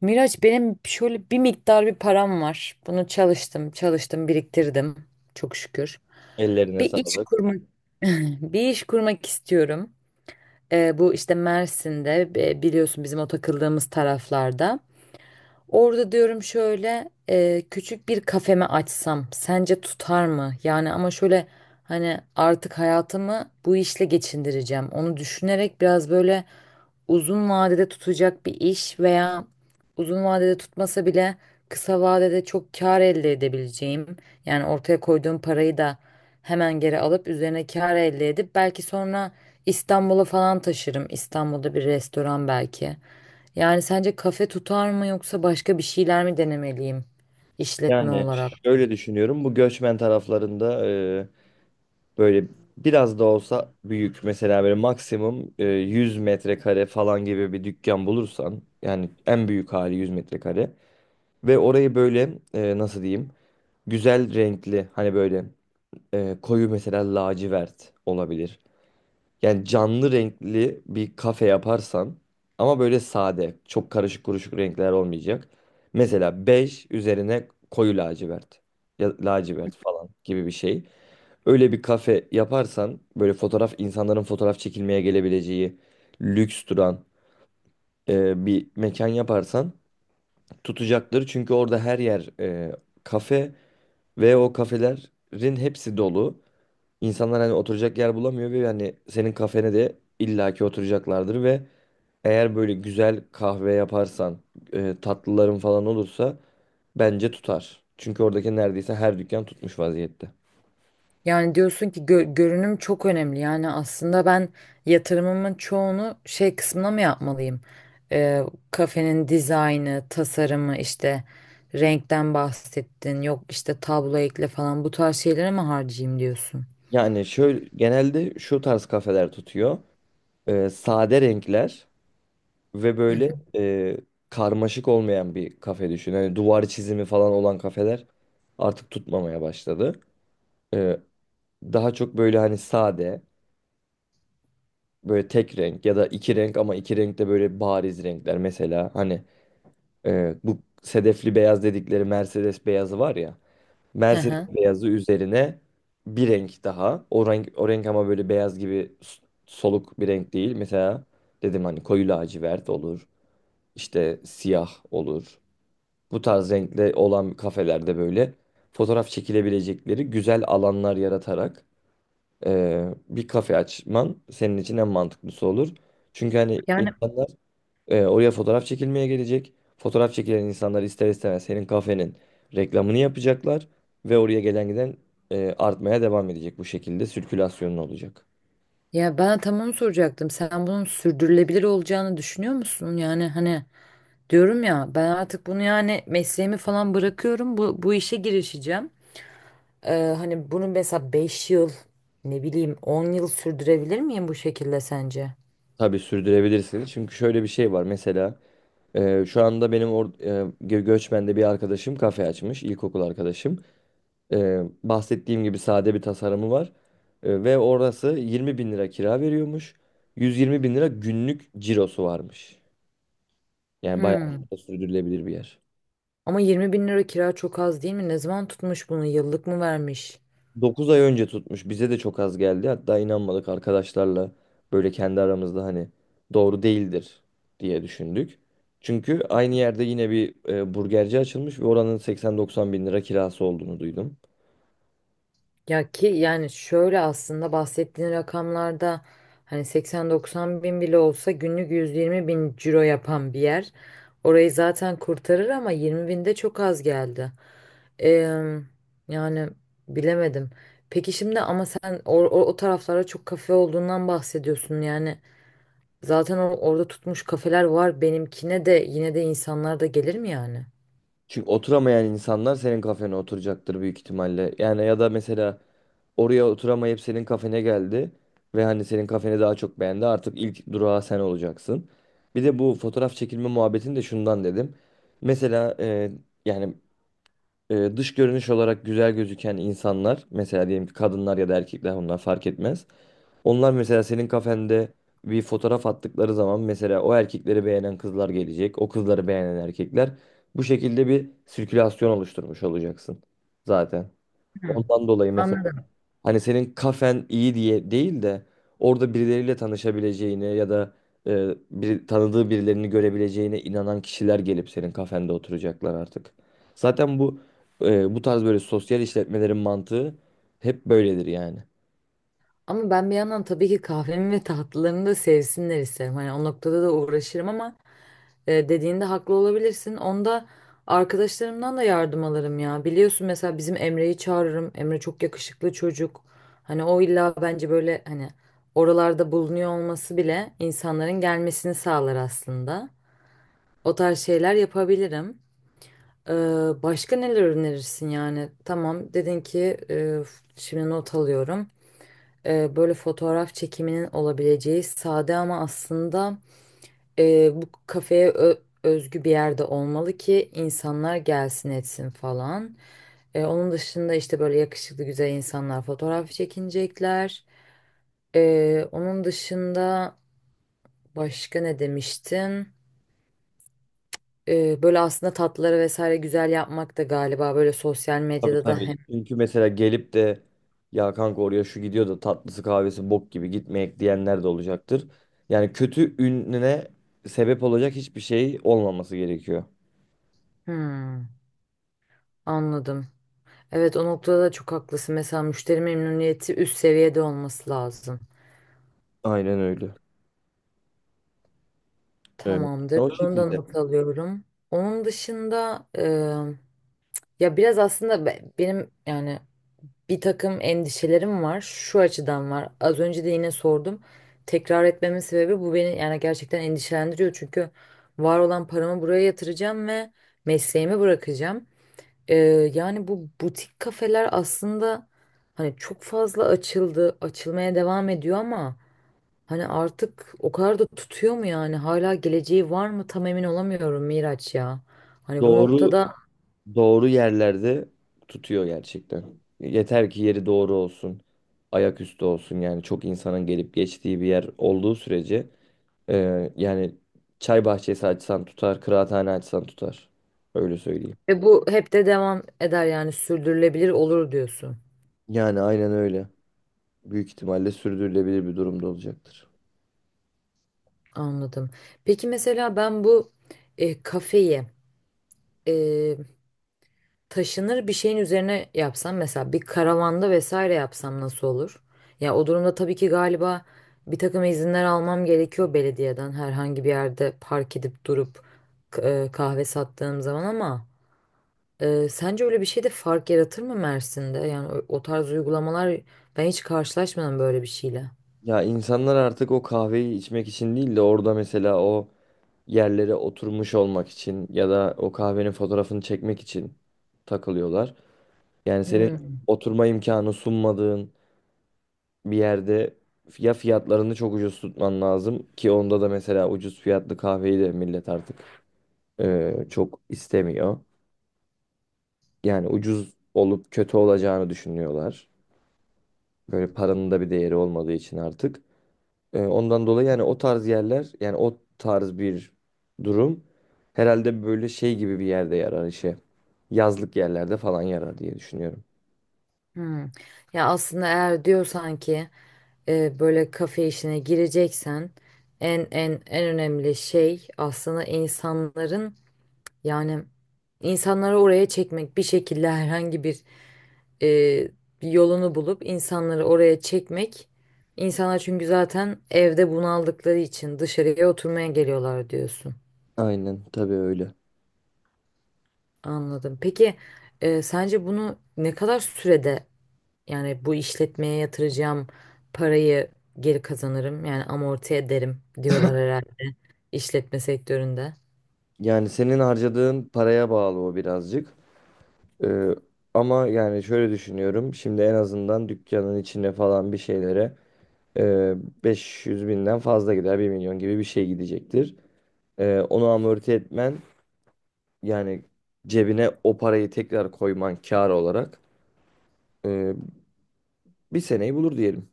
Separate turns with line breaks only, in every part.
Miraç benim şöyle bir miktar bir param var. Bunu çalıştım, çalıştım, biriktirdim. Çok şükür.
Ellerine
Bir iş
sağlık.
kurmak bir iş kurmak istiyorum. Bu işte Mersin'de biliyorsun bizim o takıldığımız taraflarda. Orada diyorum şöyle küçük bir kafeme açsam sence tutar mı? Yani ama şöyle hani artık hayatımı bu işle geçindireceğim. Onu düşünerek biraz böyle uzun vadede tutacak bir iş veya uzun vadede tutmasa bile kısa vadede çok kar elde edebileceğim. Yani ortaya koyduğum parayı da hemen geri alıp üzerine kar elde edip belki sonra İstanbul'a falan taşırım. İstanbul'da bir restoran belki. Yani sence kafe tutar mı yoksa başka bir şeyler mi denemeliyim işletme
Yani
olarak?
şöyle düşünüyorum. Bu göçmen taraflarında böyle biraz da olsa büyük mesela böyle maksimum 100 metrekare falan gibi bir dükkan bulursan yani en büyük hali 100 metrekare ve orayı böyle nasıl diyeyim güzel renkli hani böyle koyu mesela lacivert olabilir. Yani canlı renkli bir kafe yaparsan ama böyle sade, çok karışık kuruşuk renkler olmayacak. Mesela bej üzerine koyu lacivert ya lacivert falan gibi bir şey. Öyle bir kafe yaparsan böyle fotoğraf insanların fotoğraf çekilmeye gelebileceği lüks duran bir mekan yaparsan tutacaktır. Çünkü orada her yer kafe ve o kafelerin hepsi dolu. İnsanlar hani oturacak yer bulamıyor ve yani senin kafene de illaki oturacaklardır ve eğer böyle güzel kahve yaparsan, tatlıların falan olursa bence tutar. Çünkü oradaki neredeyse her dükkan tutmuş vaziyette.
Yani diyorsun ki görünüm çok önemli. Yani aslında ben yatırımımın çoğunu şey kısmına mı yapmalıyım? Ee, kafenin dizaynı, tasarımı, işte renkten bahsettin. Yok işte tablo ekle falan, bu tarz şeylere mi harcayayım diyorsun?
Yani şöyle genelde şu tarz kafeler tutuyor. Sade renkler ve
Hı hı.
böyle e, karmaşık olmayan bir kafe düşün. Hani duvar çizimi falan olan kafeler artık tutmamaya başladı. E, Daha çok böyle hani sade. Böyle tek renk ya da iki renk ama iki renk de böyle bariz renkler. Mesela hani bu sedefli beyaz dedikleri Mercedes beyazı var ya.
Hı
Mercedes
hı.
beyazı üzerine bir renk daha. O renk, o renk ama böyle beyaz gibi soluk bir renk değil. Mesela dedim hani koyu lacivert olur. işte siyah olur. Bu tarz renkli olan kafelerde böyle fotoğraf çekilebilecekleri güzel alanlar yaratarak bir kafe açman senin için en mantıklısı olur. Çünkü hani
Yani
insanlar oraya fotoğraf çekilmeye gelecek. Fotoğraf çekilen insanlar ister istemez senin kafenin reklamını yapacaklar ve oraya gelen giden artmaya devam edecek bu şekilde sirkülasyonun olacak.
ya ben tam onu soracaktım. Sen bunun sürdürülebilir olacağını düşünüyor musun? Yani hani, diyorum ya, ben artık bunu, yani mesleğimi falan bırakıyorum, bu işe girişeceğim. Hani bunu mesela 5 yıl, ne bileyim 10 yıl sürdürebilir miyim bu şekilde sence?
Tabii sürdürebilirsin. Çünkü şöyle bir şey var. Mesela şu anda benim Göçmen'de bir arkadaşım kafe açmış, ilkokul arkadaşım. Bahsettiğim gibi sade bir tasarımı var. Ve orası 20 bin lira kira veriyormuş. 120 bin lira günlük cirosu varmış. Yani
Hmm.
bayağı da sürdürülebilir bir yer.
Ama 20 bin lira kira çok az değil mi? Ne zaman tutmuş bunu? Yıllık mı vermiş?
9 ay önce tutmuş. Bize de çok az geldi. Hatta inanmadık arkadaşlarla böyle kendi aramızda hani doğru değildir diye düşündük. Çünkü aynı yerde yine bir burgerci açılmış ve oranın 80-90 bin lira kirası olduğunu duydum.
Ya ki yani şöyle, aslında bahsettiğin rakamlarda hani 80-90 bin bile olsa günlük 120 bin ciro yapan bir yer. Orayı zaten kurtarır, ama 20 bin de çok az geldi. Eee, yani bilemedim. Peki şimdi ama sen o taraflara çok kafe olduğundan bahsediyorsun yani. Zaten orada tutmuş kafeler var, benimkine de yine de insanlar da gelir mi yani?
Çünkü oturamayan insanlar senin kafene oturacaktır büyük ihtimalle. Yani ya da mesela oraya oturamayıp senin kafene geldi ve hani senin kafeni daha çok beğendi. Artık ilk durağı sen olacaksın. Bir de bu fotoğraf çekilme muhabbetini de şundan dedim. Mesela yani dış görünüş olarak güzel gözüken insanlar mesela diyelim ki kadınlar ya da erkekler onlar fark etmez. Onlar mesela senin kafende bir fotoğraf attıkları zaman mesela o erkekleri beğenen kızlar gelecek. O kızları beğenen erkekler. Bu şekilde bir sirkülasyon oluşturmuş olacaksın zaten.
Hı.
Ondan dolayı mesela
Anladım.
hani senin kafen iyi diye değil de orada birileriyle tanışabileceğine ya da tanıdığı birilerini görebileceğine inanan kişiler gelip senin kafende oturacaklar artık. Zaten bu tarz böyle sosyal işletmelerin mantığı hep böyledir yani.
Ama ben bir yandan tabii ki kahvemi ve tatlılarını da sevsinler isterim. Hani o noktada da uğraşırım, ama dediğinde haklı olabilirsin. Onda arkadaşlarımdan da yardım alırım ya. Biliyorsun, mesela bizim Emre'yi çağırırım. Emre çok yakışıklı çocuk. Hani o illa bence böyle hani oralarda bulunuyor olması bile insanların gelmesini sağlar aslında. O tarz şeyler yapabilirim. Ee, başka neler önerirsin yani? Tamam, dedin ki şimdi not alıyorum, böyle fotoğraf çekiminin olabileceği sade, ama aslında bu kafeye özgü bir yerde olmalı ki insanlar gelsin etsin falan. Onun dışında işte böyle yakışıklı güzel insanlar fotoğraf çekinecekler. Onun dışında başka ne demiştin? Böyle aslında tatlıları vesaire güzel yapmak da galiba böyle sosyal
Tabii
medyada da
tabii.
hem...
Çünkü mesela gelip de ya kanka oraya şu gidiyor da tatlısı kahvesi bok gibi gitmeyek diyenler de olacaktır. Yani kötü ününe sebep olacak hiçbir şey olmaması gerekiyor.
Hmm, anladım. Evet, o noktada da çok haklısın. Mesela müşteri memnuniyeti üst seviyede olması lazım.
Aynen öyle. Evet.
Tamamdır.
O
Bunu da
şekilde.
not alıyorum. Onun dışında ya biraz aslında benim yani bir takım endişelerim var. Şu açıdan var. Az önce de yine sordum. Tekrar etmemin sebebi bu, beni yani gerçekten endişelendiriyor. Çünkü var olan paramı buraya yatıracağım ve mesleğimi bırakacağım. E, yani bu butik kafeler aslında, hani çok fazla açıldı, açılmaya devam ediyor ama, hani artık o kadar da tutuyor mu yani? Hala geleceği var mı? Tam emin olamıyorum Miraç ya. Hani bu
Doğru
noktada
doğru yerlerde tutuyor gerçekten. Yeter ki yeri doğru olsun. Ayaküstü olsun yani çok insanın gelip geçtiği bir yer olduğu sürece yani çay bahçesi açsan tutar, kıraathane açsan tutar. Öyle söyleyeyim.
ve bu hep de devam eder yani, sürdürülebilir olur diyorsun.
Yani aynen öyle. Büyük ihtimalle sürdürülebilir bir durumda olacaktır.
Anladım. Peki mesela ben bu kafeyi e, taşınır bir şeyin üzerine yapsam, mesela bir karavanda vesaire yapsam nasıl olur? Ya o durumda tabii ki galiba bir takım izinler almam gerekiyor belediyeden, herhangi bir yerde park edip durup kahve sattığım zaman, ama sence öyle bir şey de fark yaratır mı Mersin'de? Yani o, o tarz uygulamalar, ben hiç karşılaşmadım böyle bir şeyle.
Ya insanlar artık o kahveyi içmek için değil de orada mesela o yerlere oturmuş olmak için ya da o kahvenin fotoğrafını çekmek için takılıyorlar. Yani senin
Hmm,
oturma imkanı sunmadığın bir yerde ya fiyatlarını çok ucuz tutman lazım ki onda da mesela ucuz fiyatlı kahveyi de millet artık çok istemiyor. Yani ucuz olup kötü olacağını düşünüyorlar. Böyle paranın da bir değeri olmadığı için artık. Ondan dolayı yani o tarz yerler yani o tarz bir durum herhalde böyle şey gibi bir yerde yarar işe. Yazlık yerlerde falan yarar diye düşünüyorum.
hmm. Ya aslında eğer diyorsan ki böyle kafe işine gireceksen, en en en önemli şey aslında insanların, yani insanları oraya çekmek, bir şekilde herhangi bir e, bir yolunu bulup insanları oraya çekmek. İnsanlar çünkü zaten evde bunaldıkları için dışarıya oturmaya geliyorlar diyorsun.
Aynen tabii öyle.
Anladım. Peki sence bunu ne kadar sürede, yani bu işletmeye yatıracağım parayı geri kazanırım, yani amorti ederim diyorlar herhalde işletme sektöründe.
Yani senin harcadığın paraya bağlı o birazcık. Ee, Ama yani şöyle düşünüyorum. Şimdi en azından dükkanın içine falan bir şeylere e, 500 binden fazla gider bir milyon gibi bir şey gidecektir. Onu amorti etmen yani cebine o parayı tekrar koyman kar olarak e, bir seneyi bulur diyelim.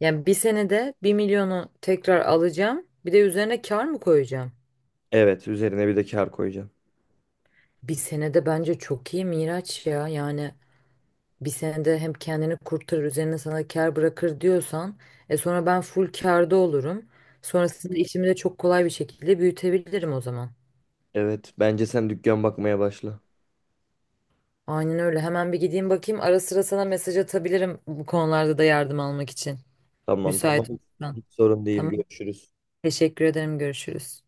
Yani bir senede 1 milyonu tekrar alacağım, bir de üzerine kar mı koyacağım?
Evet, üzerine bir de kar koyacağım.
Bir senede bence çok iyi Miraç ya, yani bir senede hem kendini kurtarır, üzerine sana kar bırakır diyorsan, sonra ben full karda olurum. Sonrasında işimi de çok kolay bir şekilde büyütebilirim o zaman.
Evet, bence sen dükkan bakmaya başla.
Aynen öyle. Hemen bir gideyim bakayım. Ara sıra sana mesaj atabilirim bu konularda da yardım almak için.
Tamam tamam.
Müsait olursan.
Hiç sorun değil.
Tamam.
Görüşürüz.
Teşekkür ederim. Görüşürüz.